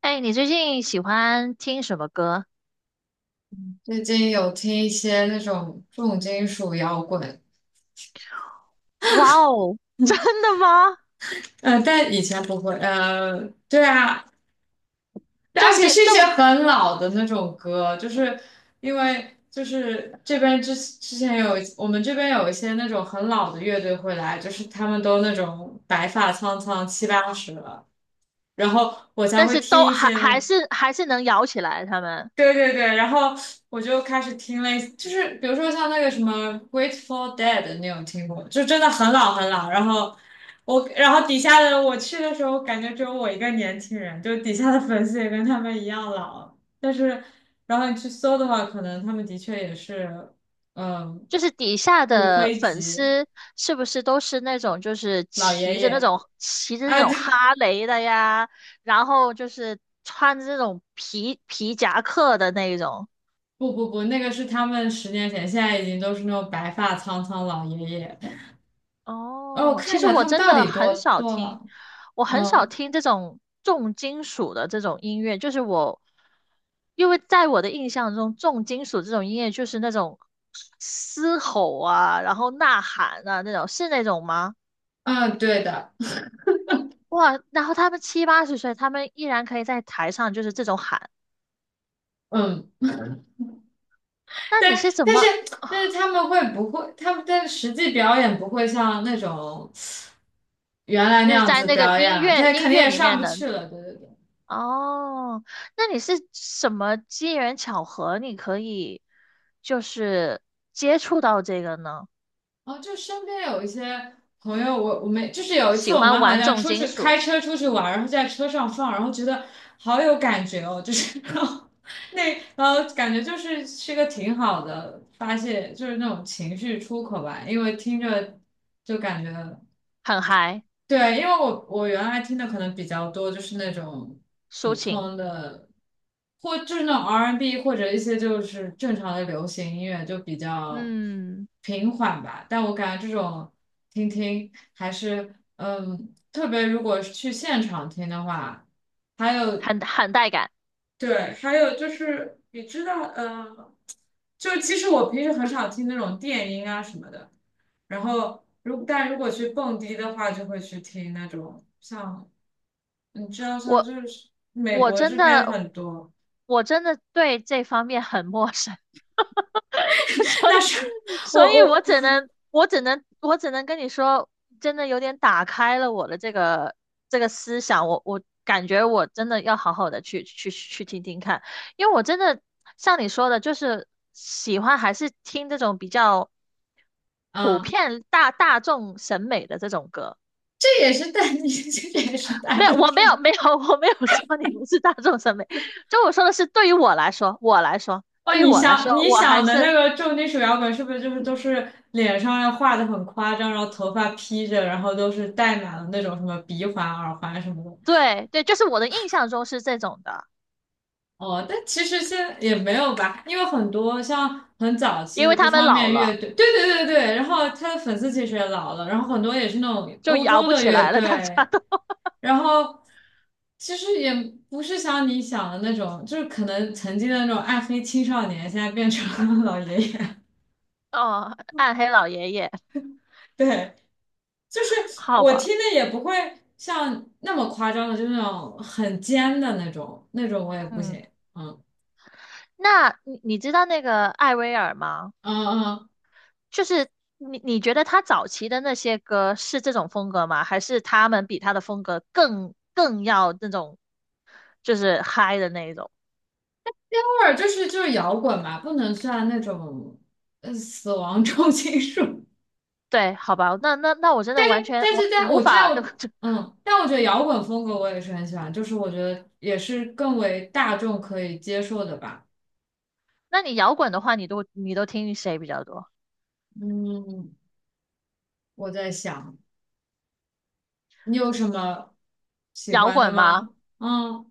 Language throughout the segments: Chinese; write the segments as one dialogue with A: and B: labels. A: 哎，你最近喜欢听什么歌？
B: 最近有听一些那种重金属摇滚，
A: 哇哦，真的吗？
B: 但以前不会，对啊，而
A: 重
B: 且
A: 金
B: 是一些
A: 重，
B: 很老的那种歌，就是因为就是这边之前有我们这边有一些那种很老的乐队会来，就是他们都那种白发苍苍七八十了，然后我才
A: 但
B: 会
A: 是
B: 听
A: 都
B: 一
A: 还
B: 些那
A: 还
B: 种。
A: 是还是能摇起来。他们
B: 对对对，然后我就开始听类似，就是比如说像那个什么《Grateful Dead》，你有听过？就真的很老很老。然后我，然后底下的我去的时候，感觉只有我一个年轻人，就底下的粉丝也跟他们一样老。但是，然后你去搜的话，可能他们的确也是，嗯，
A: 就是底下
B: 骨
A: 的
B: 灰
A: 粉
B: 级
A: 丝，是不是都是那种就是
B: 老
A: 骑
B: 爷
A: 着那
B: 爷。
A: 种骑着那
B: 啊。
A: 种
B: 对，
A: 哈雷的呀，然后就是穿着那种皮夹克的那一种？
B: 不不不，那个是他们十年前，现在已经都是那种白发苍苍老爷爷。哦，我
A: 哦，
B: 看
A: 其
B: 一
A: 实
B: 下
A: 我
B: 他们
A: 真
B: 到
A: 的
B: 底多
A: 很少
B: 多
A: 听，
B: 老。
A: 我很少
B: 嗯
A: 听这种重金属的这种音乐，就是我，因为在我的印象中，重金属这种音乐就是那种嘶吼啊，然后呐喊啊那种，是那种吗？
B: 嗯，对的，
A: 哇，然后他们七八十岁，他们依然可以在台上就是这种喊，
B: 嗯，
A: 那
B: 但
A: 你是怎
B: 但是
A: 么，
B: 但是他 们会不会，他们的实际表演不会像那种原来
A: 就
B: 那
A: 是
B: 样
A: 在
B: 子
A: 那个
B: 表演
A: 音
B: 了，
A: 乐
B: 他
A: 音
B: 肯定
A: 乐
B: 也
A: 里
B: 上
A: 面
B: 不去
A: 能？
B: 了，对对对。
A: 哦，那你是什么机缘巧合，你可以就是接触到这个呢？
B: 哦，就身边有一些朋友，我们就是有一
A: 喜
B: 次我们
A: 欢
B: 好
A: 玩
B: 像
A: 重
B: 出
A: 金
B: 去开
A: 属，
B: 车出去玩，然后在车上放，然后觉得好有感觉哦，就是 然后那然后感觉就是个挺好的发泄，就是那种情绪出口吧，因为听着就感觉。
A: 很嗨，
B: 对，因为我原来听的可能比较多，就是那种
A: 抒
B: 普
A: 情，
B: 通的，或就是那种 R&B 或者一些就是正常的流行音乐，就比较
A: 嗯，
B: 平缓吧。但我感觉这种听听还是，特别如果是去现场听的话，还有
A: 很带感。
B: 对，还有就是你知道，就其实我平时很少听那种电音啊什么的，然后但如果去蹦迪的话，就会去听那种像你知道像就
A: 我
B: 是美
A: 我
B: 国
A: 真
B: 这边
A: 的
B: 很多，
A: 我真的对这方面很陌生。所
B: 那
A: 以，
B: 是我
A: 所以我
B: 我
A: 只能，我只能，我只能跟你说，真的有点打开了我的这个思想。我感觉我真的要好好的去听听看，因为我真的像你说的，就是喜欢还是听这种比较普
B: 嗯，
A: 遍大众审美的这种歌。
B: 这也是大，你这也是大
A: 没有，
B: 众
A: 我没有，
B: 上
A: 没有，我没有说你不是大众审美，就我说的是对于我来说，我来说，
B: 哦。
A: 对于
B: 你
A: 我来说，
B: 想你
A: 我还
B: 想的那
A: 是。
B: 个重金属摇滚是不是就是都是脸上要画的很夸张，然后头发披着，然后都是戴满了那种什么鼻环、耳环什么的？
A: 对对，就是我的印象中是这种的，
B: 哦，但其实现在也没有吧，因为很多像很早期
A: 因
B: 的
A: 为
B: 这
A: 他们
B: 方
A: 老
B: 面乐
A: 了，
B: 队，对对对对，然后他的粉丝其实也老了，然后很多也是那种
A: 就
B: 欧
A: 摇
B: 洲
A: 不
B: 的
A: 起
B: 乐
A: 来了，大家
B: 队，
A: 都，
B: 然后其实也不是像你想的那种，就是可能曾经的那种暗黑青少年，现在变成了老爷爷，
A: 哦，暗黑老爷爷，
B: 对，就是
A: 好
B: 我
A: 吧，
B: 听的也不会像那么夸张的，就是那种很尖的那种，那种我也不
A: 嗯，
B: 行，嗯
A: 那你知道那个艾薇儿吗？
B: 嗯
A: 就是你觉得他早期的那些歌是这种风格吗？还是他们比他的风格更要那种，就是嗨的那一种？
B: 或者就是摇滚嘛，不能算那种死亡重金属。
A: 对，好吧，那我真的完 全
B: 但
A: 我
B: 是在
A: 无
B: 我知
A: 法，
B: 道，但我觉得摇滚风格我也是很喜欢，就是我觉得也是更为大众可以接受的吧。
A: 那你摇滚的话，你都听谁比较多？
B: 嗯，我在想，你有什么喜
A: 摇
B: 欢的
A: 滚吗？
B: 吗？嗯，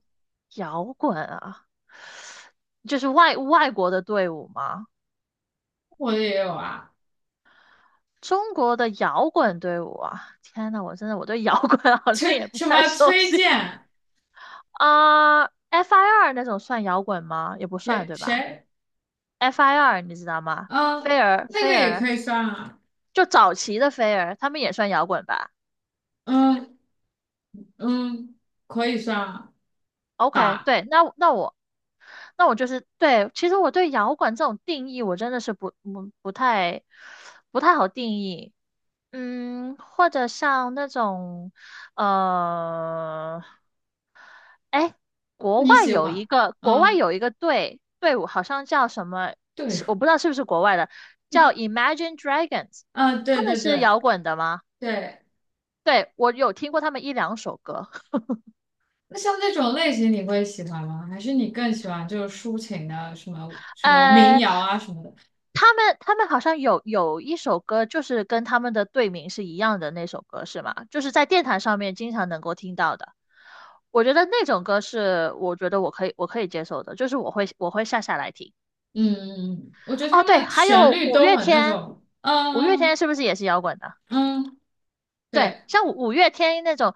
A: 摇滚啊，就是外国的队伍吗？
B: 我的也有啊，
A: 中国的摇滚队伍啊，天呐，我真的我对摇滚 好像也
B: 崔
A: 不
B: 什
A: 太
B: 么
A: 熟
B: 崔
A: 悉
B: 健
A: 啊。FIR 那种算摇滚吗？也不算，
B: 也
A: 对吧
B: 谁？
A: ？FIR 你知道吗？飞
B: 嗯，
A: 儿，
B: 那个
A: 飞
B: 也
A: 儿，
B: 可以算啊，
A: 就早期的飞儿，他们也算摇滚吧？
B: 嗯嗯，可以算啊
A: OK，
B: 吧，
A: 对，那我就是对，其实我对摇滚这种定义，我真的是不太好定义。嗯，或者像那种呃，哎，国
B: 你
A: 外
B: 喜
A: 有一
B: 欢，
A: 个国外
B: 嗯。
A: 有一个队伍，好像叫什么，
B: 对
A: 是
B: 付，
A: 我不知道是不是国外的，叫 Imagine Dragons，
B: 啊，
A: 他
B: 对
A: 们
B: 对
A: 是
B: 对
A: 摇滚的吗？
B: 对，
A: 对，我有听过他们一两首歌。
B: 那像那种类型你会喜欢吗？还是你更喜欢就是抒情的，什么什么民
A: 呃，
B: 谣啊什么的？
A: 他们好像有一首歌，就是跟他们的队名是一样的那首歌，是吗？就是在电台上面经常能够听到的。我觉得那种歌是我觉得我可以接受的，就是我会下来听。
B: 嗯，我觉得他
A: 哦，
B: 们
A: 对，
B: 的
A: 还
B: 旋
A: 有
B: 律
A: 五
B: 都
A: 月
B: 很那
A: 天，
B: 种，
A: 五月天
B: 嗯
A: 是不是也是摇滚的？
B: 嗯，嗯，
A: 对，
B: 对，
A: 像五月天那种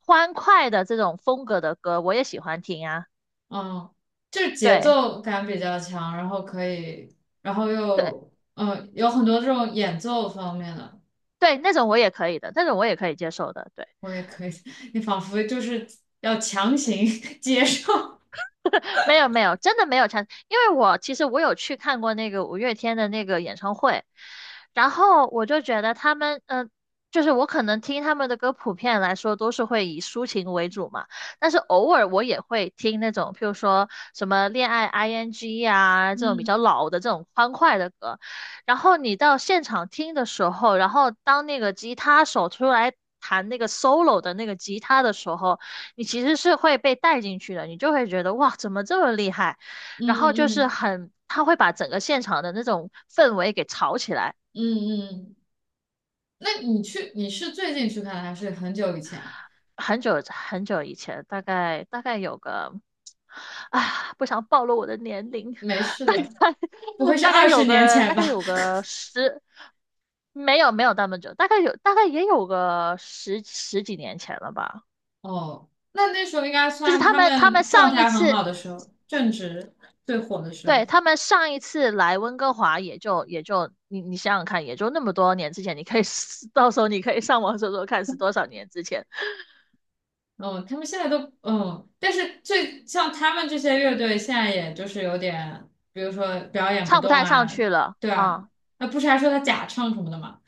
A: 欢快的这种风格的歌，我也喜欢听啊。
B: 嗯，就是节
A: 对
B: 奏感比较强，然后可以，然后
A: 对
B: 又有很多这种演奏方面的，
A: 对，那种我也可以的，那种我也可以接受的。对。
B: 我也可以，你仿佛就是要强行 接受，
A: 没有没有，真的没有唱，因为其实我有去看过那个五月天的那个演唱会，然后我就觉得他们，就是我可能听他们的歌，普遍来说都是会以抒情为主嘛，但是偶尔我也会听那种，譬如说什么恋爱 ing 啊这种比
B: 嗯
A: 较老的这种欢快的歌，然后你到现场听的时候，然后当那个吉他手出来弹那个 solo 的那个吉他的时候。你其实是会被带进去的，你就会觉得哇，怎么这么厉害？
B: 嗯
A: 然后就是
B: 嗯
A: 很，他会把整个现场的那种氛围给炒起来。
B: 嗯嗯嗯。那你去，你是最近去看的还是很久以前？
A: 很久很久以前，大概有个，啊，不想暴露我的年龄，
B: 没 事
A: 大
B: 的，
A: 概
B: 不会 是
A: 大概
B: 二十
A: 有
B: 年
A: 个
B: 前
A: 大概
B: 吧？
A: 有 个十，没有没有那么久，大概也有个十几年前了吧。
B: 哦，那时候应该
A: 就是
B: 算
A: 他
B: 他
A: 们他们
B: 们状
A: 上一
B: 态很
A: 次
B: 好的时候，正值最火的时
A: 对，
B: 候。
A: 他们上一次来温哥华也就你想想看，也就那么多年之前，你可以 到时候你可以上网搜搜看是多少年之前，
B: 嗯，他们现在都但是最像他们这些乐队，现在也就是有点，比如说表演不
A: 唱不
B: 动
A: 太上
B: 啊，
A: 去了
B: 对啊，
A: 啊、
B: 那不是还说他假唱什么的嘛？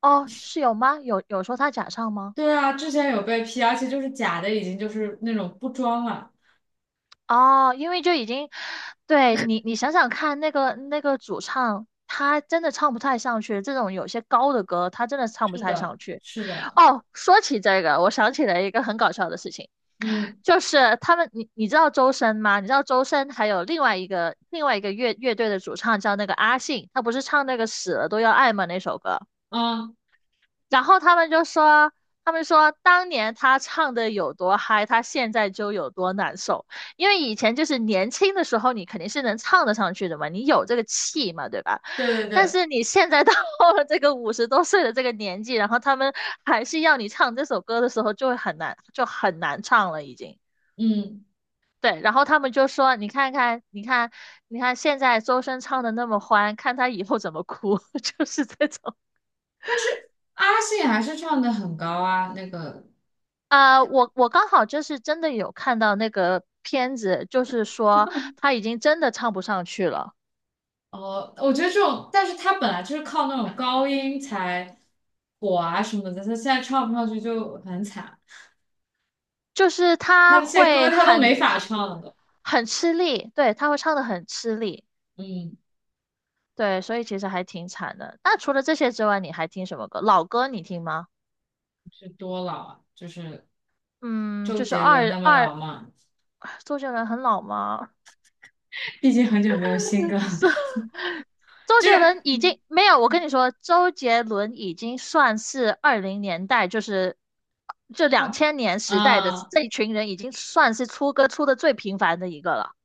A: 哦，是有吗？有说他假唱吗？
B: 对啊，之前有被批，而且就是假的，已经就是那种不装了。
A: 哦，因为就已经，对你想想看，那个主唱他真的唱不太上去，这种有些高的歌他真的唱不
B: 是
A: 太
B: 的，
A: 上去。
B: 是的，
A: 哦，说起这个，我想起来一个很搞笑的事情。
B: 嗯
A: 就是他们，你知道周深吗？你知道周深还有另外一个乐队的主唱叫那个阿信，他不是唱那个死了都要爱吗那首歌？
B: 嗯，
A: 然后他们就说，他们说当年他唱的有多嗨，他现在就有多难受。因为以前就是年轻的时候，你肯定是能唱得上去的嘛，你有这个气嘛，对吧？
B: 对对
A: 但
B: 对。
A: 是你现在到了这个五十多岁的这个年纪，然后他们还是要你唱这首歌的时候，就会很难，就很难唱了已经。
B: 嗯，
A: 对，然后他们就说："你看看，你看，你看，现在周深唱的那么欢，看他以后怎么哭。" 就是这种
B: 阿信还是唱的很高啊，
A: 啊、我刚好就是真的有看到那个片子，就是说他已经真的唱不上去了，
B: 我觉得这种，但是他本来就是靠那种高音才火啊什么的，他现在唱不上去就很惨，
A: 就是
B: 他
A: 他
B: 那些歌
A: 会
B: 他都
A: 很
B: 没法
A: 很
B: 唱了都，
A: 很吃力，对，他会唱的很吃力，
B: 嗯，
A: 对，所以其实还挺惨的。那除了这些之外，你还听什么歌？老歌你听吗？
B: 是多老啊，就是
A: 嗯，
B: 周
A: 就是
B: 杰伦
A: 二
B: 那么
A: 二，
B: 老吗？
A: 周杰伦很老吗？
B: 毕竟很久没有新歌了，
A: 是 周
B: 就
A: 杰伦
B: 是
A: 已经没有，我跟你说，周杰伦已经算是二零年代，就两
B: 啊
A: 千年时代的
B: 啊，
A: 这一群人，已经算是出歌出的最频繁的一个了。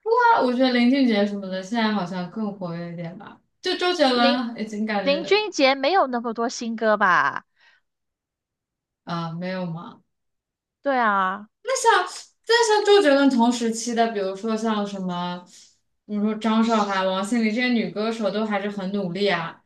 B: 我觉得林俊杰什么的现在好像更活跃一点吧，就周杰
A: 林
B: 伦已经感
A: 林
B: 觉
A: 俊杰没有那么多新歌吧？
B: 啊没有吗？
A: 对啊，
B: 像，但像周杰伦同时期的，比如说像什么，比如说张韶涵、王心凌这些女歌手，都还是很努力啊。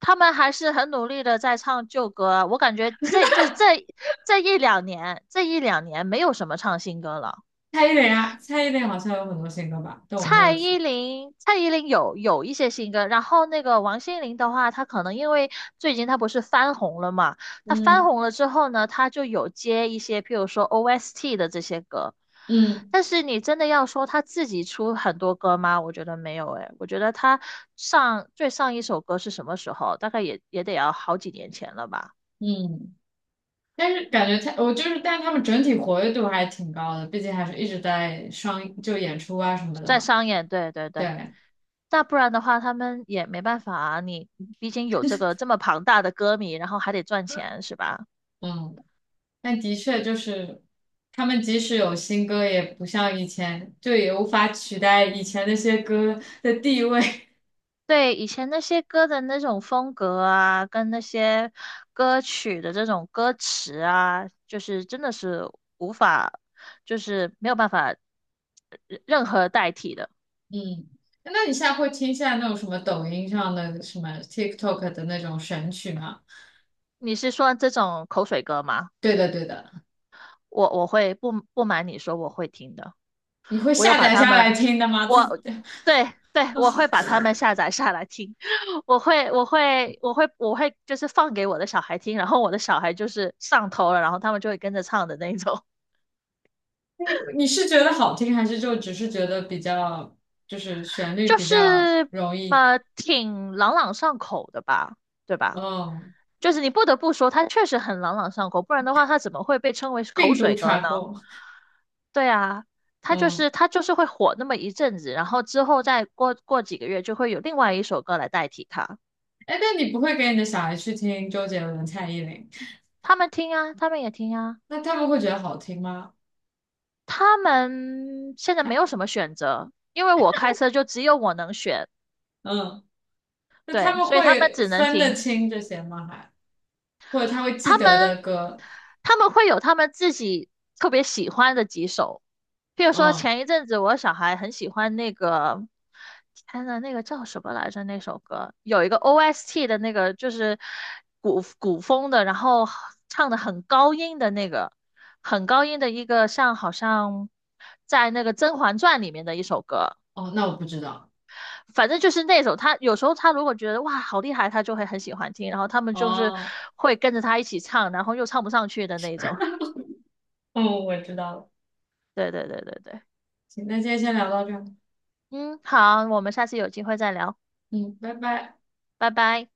A: 他们还是很努力的在唱旧歌啊。我感觉这就是这一两年没有什么唱新歌了。
B: 蔡依林啊，蔡依林好像有很多新歌吧，但我没
A: 蔡
B: 有去。
A: 依林，蔡依林有一些新歌，然后那个王心凌的话，她可能因为最近她不是翻红了嘛，她翻
B: 嗯
A: 红了之后呢，她就有接一些，譬如说 OST 的这些歌，
B: 嗯
A: 但是你真的要说她自己出很多歌吗？我觉得没有诶，我觉得她最上一首歌是什么时候？大概也得要好几年前了吧，
B: 嗯，但是感觉他，我就是，但是他们整体活跃度还挺高的，毕竟还是一直在上就演出啊什么的
A: 在
B: 嘛。
A: 商演，对对对。
B: 对，
A: 那不然的话，他们也没办法啊。你毕竟有这个这么庞大的歌迷，然后还得赚钱，是吧？
B: 嗯，但的确就是。他们即使有新歌，也不像以前，就也无法取代以前那些歌的地位。
A: 对，以前那些歌的那种风格啊，跟那些歌曲的这种歌词啊，就是真的是无法，就是没有办法任何代替的。
B: 嗯，那你现在会听现在那种什么抖音上的什么 TikTok 的那种神曲吗？
A: 你是说这种口水歌吗？
B: 对的，对的，
A: 我我会不不瞒你说，我会听的。
B: 你会
A: 我有
B: 下
A: 把
B: 载
A: 他
B: 下来
A: 们，
B: 听的吗？自
A: 我对对，我会把他们下载下来听。我会就是放给我的小孩听，然后我的小孩就是上头了，然后他们就会跟着唱的那种。
B: 你是觉得好听，还是就只是觉得比较，就是旋律
A: 就
B: 比较
A: 是
B: 容易，
A: 挺朗朗上口的吧，对吧？
B: 嗯，
A: 就是你不得不说，它确实很朗朗上口，不然的话，它怎么会被称为是口
B: 病毒
A: 水歌
B: 传
A: 呢？
B: 播，
A: 对啊，它就
B: 嗯，
A: 是它就是会火那么一阵子，然后之后再过几个月，就会有另外一首歌来代替它。
B: 哎，那你不会给你的小孩去听周杰伦、蔡依林，
A: 他们听啊，他们也听啊，
B: 那他们会觉得好听吗？
A: 他们现在
B: 还，
A: 没有什么选择，因为我开车就只有我能选，
B: 嗯，那他
A: 对，
B: 们
A: 所以他们
B: 会
A: 只能
B: 分得
A: 听。
B: 清这些吗？还，或者他会记
A: 他
B: 得的
A: 们
B: 歌，
A: 他们会有他们自己特别喜欢的几首，譬如说
B: 嗯，
A: 前一阵子我小孩很喜欢那个，天呐，那个叫什么来着？那首歌有一个 OST 的那个，就是古风的，然后唱的很高音的那个，很高音的一个，好像在那个《甄嬛传》里面的一首歌。
B: 哦，那我不知道。
A: 反正就是那种，他有时候他如果觉得哇好厉害，他就会很喜欢听，然后他们就是
B: 哦，
A: 会跟着他一起唱，然后又唱不上去的那种。
B: 嗯，我知道了。
A: 对对对对对，
B: 行，那今天先聊到这儿。
A: 嗯，好，我们下次有机会再聊，
B: 嗯，拜拜。
A: 拜拜。